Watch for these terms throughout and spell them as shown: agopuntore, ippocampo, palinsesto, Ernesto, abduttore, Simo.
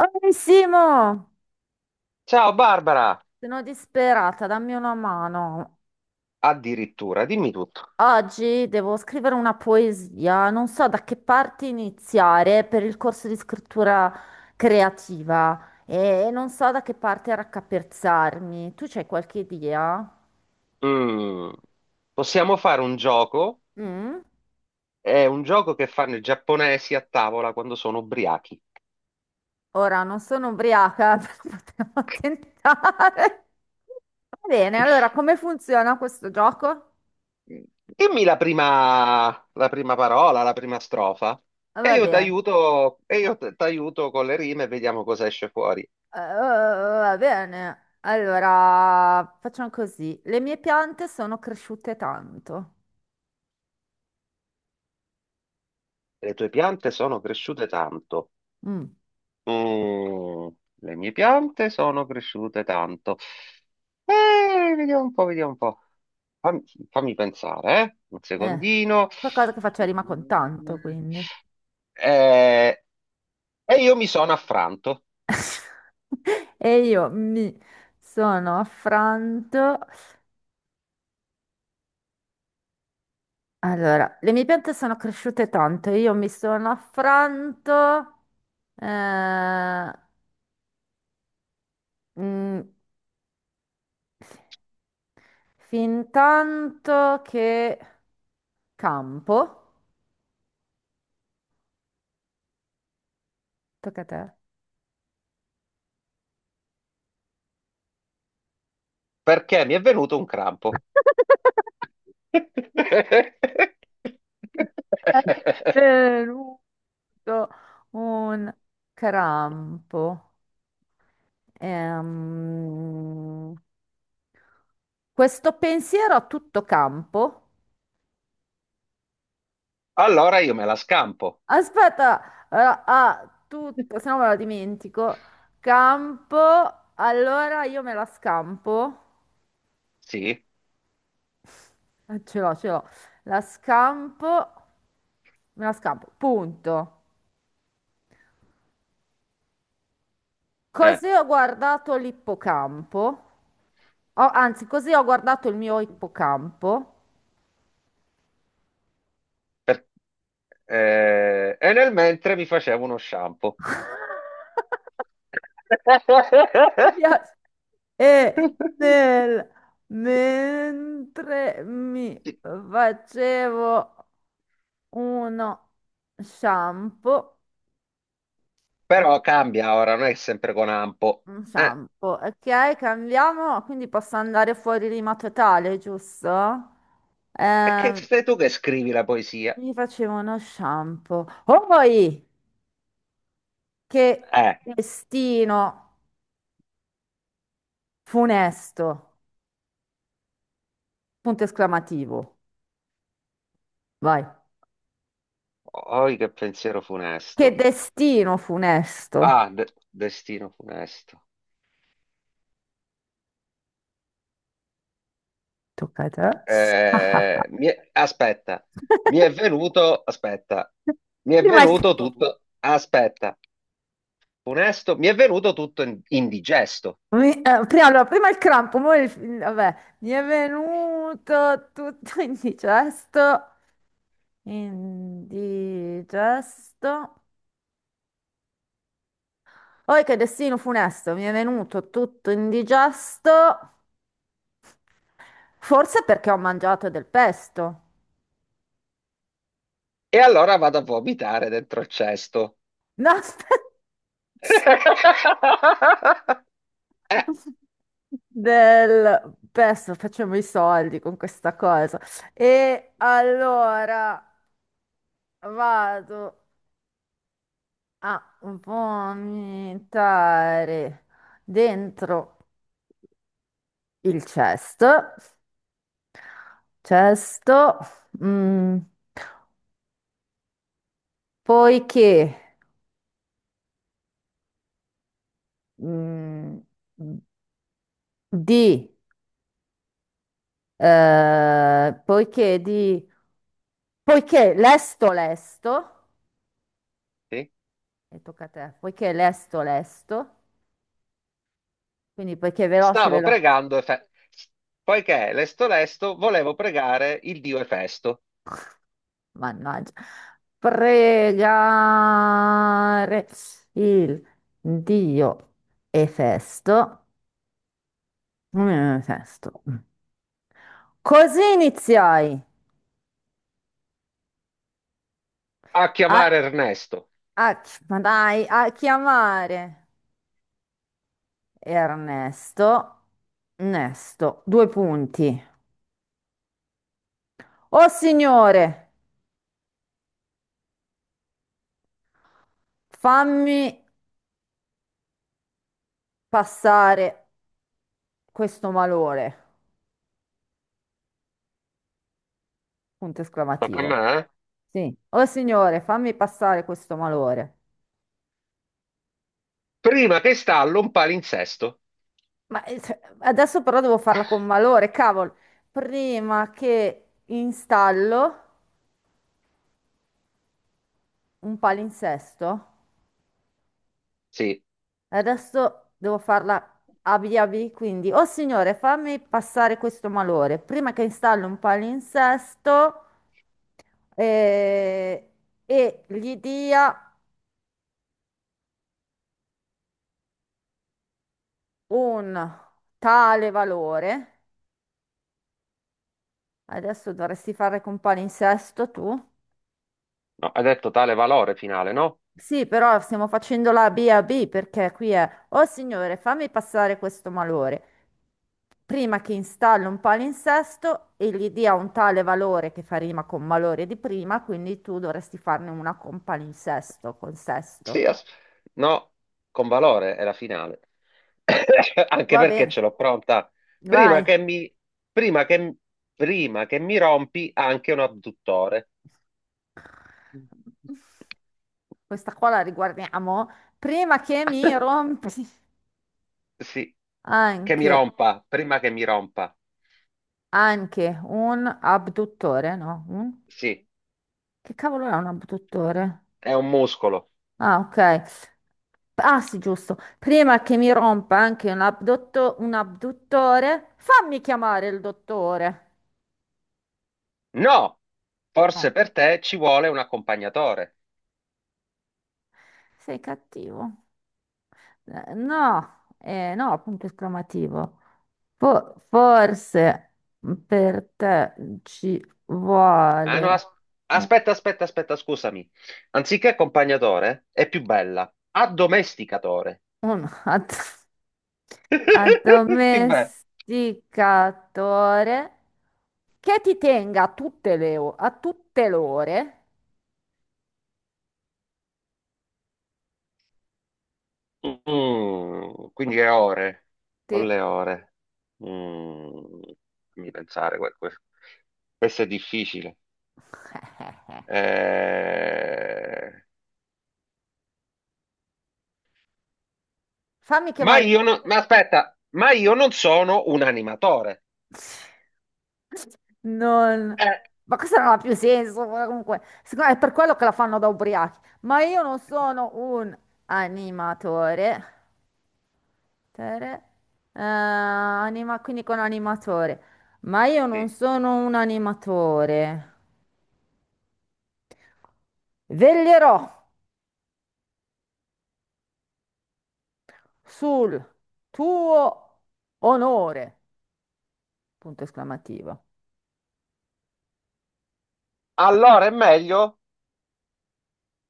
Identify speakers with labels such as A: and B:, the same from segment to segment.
A: Oh, Simo,
B: Ciao Barbara,
A: sono disperata, dammi una mano.
B: addirittura, dimmi tutto.
A: Oggi devo scrivere una poesia, non so da che parte iniziare per il corso di scrittura creativa e non so da che parte raccapezzarmi. Tu c'hai qualche idea?
B: Mm, Possiamo fare un gioco,
A: Mm?
B: è un gioco che fanno i giapponesi a tavola quando sono ubriachi.
A: Ora non sono ubriaca, però potremmo tentare. Va bene, allora come funziona questo gioco?
B: Dimmi la prima parola, la prima strofa e
A: Va
B: io ti
A: bene.
B: aiuto, e t'aiuto con le rime e vediamo cosa esce fuori.
A: Va bene. Allora, facciamo così. Le mie piante sono cresciute tanto.
B: Le tue piante sono cresciute tanto.
A: Mm,
B: Mm, le mie piante sono cresciute tanto. Vediamo un po', vediamo un po'. Fammi, Fammi pensare, eh? Un
A: eh,
B: secondino.
A: qualcosa che faccia rima con tanto, quindi.
B: Eh, e io mi sono affranto
A: E io mi sono affranto. Allora, le mie piante sono cresciute tanto. Io mi sono affranto. eh, mm, Fin tanto che campo. Tocca a te.
B: perché mi è venuto un crampo.
A: È venuto un crampo. Ehm, Questo pensiero a tutto campo.
B: Allora io me la scampo.
A: Aspetta, a tutto, se no me lo dimentico. Campo, allora io me la scampo.
B: Sì.
A: Ce l'ho, ce l'ho. La scampo, me la scampo. Punto.
B: eh.
A: Così ho guardato l'ippocampo. Oh, anzi, così ho guardato il mio ippocampo.
B: Per- e nel mentre mi facevo uno shampoo.
A: Mi piace. E nel- Mentre mi
B: Sì.
A: facevo uno shampoo,
B: Però cambia ora, non è sempre con ampo.
A: un
B: Eh.
A: shampoo, ok, cambiamo, quindi posso andare fuori rima totale, giusto?
B: E che
A: Eh,
B: sei tu che scrivi la poesia?
A: Mi facevo uno shampoo. Poi, che
B: Eh,
A: destino funesto, punto esclamativo, vai.
B: oi che pensiero
A: Che
B: funesto.
A: destino funesto.
B: Destino funesto.
A: Tocca a te.
B: Eh,
A: Ah,
B: mi è- aspetta, Mi è venuto, aspetta, mi è
A: Prima il,
B: venuto tutto, aspetta, funesto, mi è venuto tutto indigesto.
A: mi- prima, Allora, prima il crampo, vabbè, mi è venuto tutto indigesto, indigesto. Poi che destino funesto, mi è venuto tutto indigesto, forse perché ho mangiato del pesto.
B: E allora vado a vomitare dentro il cesto.
A: No, aspetta.
B: Eh,
A: Del pesto, facciamo i soldi con questa cosa. E allora vado a vomitare dentro il cesto, cesto, mm, poiché, mm, di, eh, poiché di, poiché lesto lesto,
B: sì.
A: e tocca a te, poiché lesto lesto, quindi poiché veloce
B: Stavo
A: veloce,
B: pregando, poiché lesto lesto volevo pregare il dio Efesto.
A: mannaggia, pregare il Dio e festo. Mm, Sesto. Così iniziai
B: A
A: a,
B: chiamare Ernesto.
A: a- ma dai, a chiamare Ernesto. Ernesto, due punti. Oh signore, fammi passare questo malore. Punto
B: Ma per
A: esclamativo.
B: me?
A: Sì, oh signore, fammi passare questo malore.
B: Prima che stallo un palinsesto.
A: Adesso però devo farla con malore, cavolo. Prima che installo un palinsesto.
B: Sì,
A: Adesso devo farla abi abi, quindi, oh signore, fammi passare questo malore prima che installi un palinsesto eh, e gli dia un tale valore. Adesso dovresti fare con palinsesto tu.
B: no, ha detto tale valore finale, no?
A: Sì, però stiamo facendo la B a B perché qui è, oh signore, fammi passare questo malore. Prima che installo un palinsesto e gli dia un tale valore che fa rima con malore di prima, quindi tu dovresti farne una con palinsesto, con sesto.
B: Sì, as- no, con valore è la finale. Anche
A: Va
B: perché ce
A: bene,
B: l'ho pronta. Prima
A: vai.
B: che mi, prima che, Prima che mi rompi anche un adduttore.
A: Questa qua la riguardiamo. Prima che mi rompi
B: Sì,
A: anche,
B: prima che mi rompa.
A: anche un abduttore, no? Un-
B: Sì,
A: che cavolo è un abduttore?
B: è un muscolo.
A: Ah, ok. Ah sì, giusto. Prima che mi rompa anche un abdotto- Un abduttore, fammi chiamare il dottore.
B: No, forse
A: No,
B: per te ci vuole un accompagnatore.
A: sei cattivo. No, no, punto esclamativo. Forse per te ci
B: Ah no,
A: vuole
B: as-
A: un
B: Aspetta, aspetta, aspetta, scusami. Anziché accompagnatore, è più bella. Addomesticatore.
A: un
B: Sì, beh.
A: addomesticatore che ti tenga a tutte le ore.
B: Mm, quindi è ore,
A: Ti-
B: con le ore. Mm, fammi pensare, questo è difficile. Eh,
A: Fammi chiamare...
B: ma aspetta, ma io non sono un animatore.
A: Non...
B: Eh,
A: Ma questo non ha più senso, guarda, comunque. Secondo me è per quello che la fanno da ubriachi. Ma io non sono un animatore. Tere- Anima, quindi con animatore. Ma io non
B: sì.
A: sono un animatore. Veglierò sul tuo onore. Punto esclamativo.
B: Allora è meglio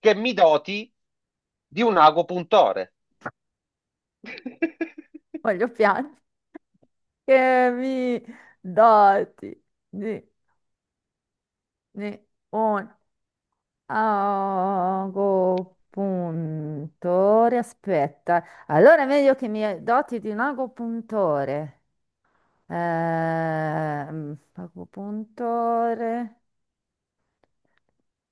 B: che mi doti di un ago puntore.
A: Voglio piangere. Che mi doti di Ne- Un agopuntore, aspetta. Allora è meglio che mi doti di un agopuntore. Agopuntore,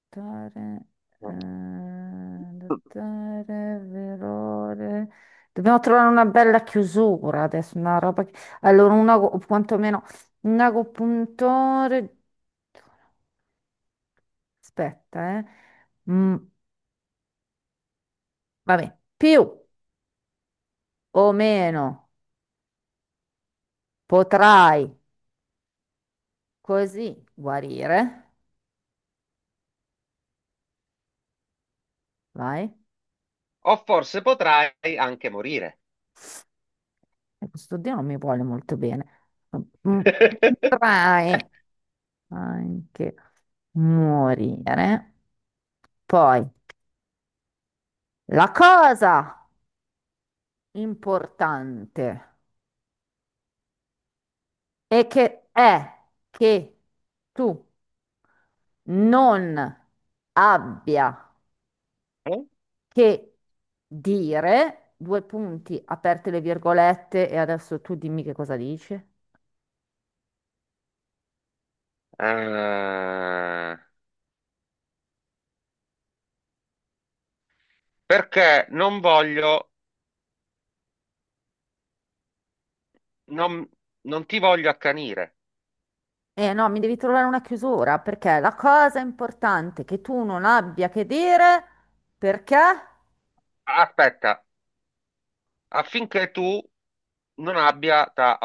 A: dottore, dottore, verore. Dobbiamo trovare una bella chiusura adesso, una roba che... Allora, un ago, o quantomeno un agopuntore. Aspetta, eh. Mm. Vabbè, più o meno potrai così guarire, vai,
B: O forse potrai anche morire.
A: e questo Dio non mi vuole molto bene. Mm, potrai anche morire. Poi, la cosa importante è che tu non abbia che dire, due punti, aperte le virgolette, e adesso tu dimmi che cosa dici.
B: Eh, perché non voglio, non, Non ti voglio accanire.
A: Eh no, mi devi trovare una chiusura, perché la cosa importante è che tu non abbia che dire, perché?
B: Aspetta, affinché tu non abbia da,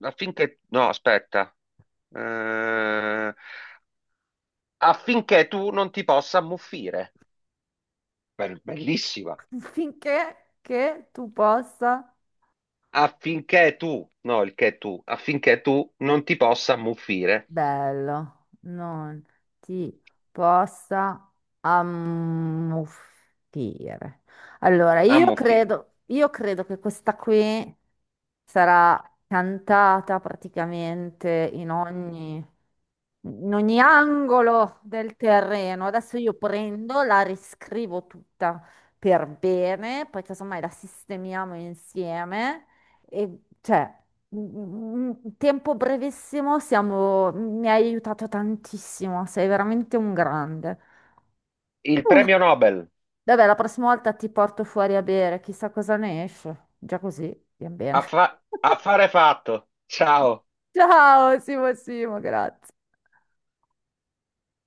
B: affinché, no, aspetta, Eh, affinché tu non ti possa ammuffire. Bellissima.
A: Finché che tu possa,
B: Affinché tu non ti possa ammuffire.
A: bello, non ti possa ammuffire. Allora,
B: Ammuffire.
A: io credo che questa qui... sarà cantata praticamente in ogni angolo del terreno. Adesso io prendo, la riscrivo tutta per bene, poi casomai la sistemiamo insieme e cioè. In tempo brevissimo siamo, mi hai aiutato tantissimo, sei veramente un grande.
B: Il premio Nobel.
A: Vabbè, la prossima volta ti porto fuori a bere, chissà cosa ne esce. Già così, bien bene.
B: Affare fatto. Ciao.
A: Ciao Simo Simo, grazie.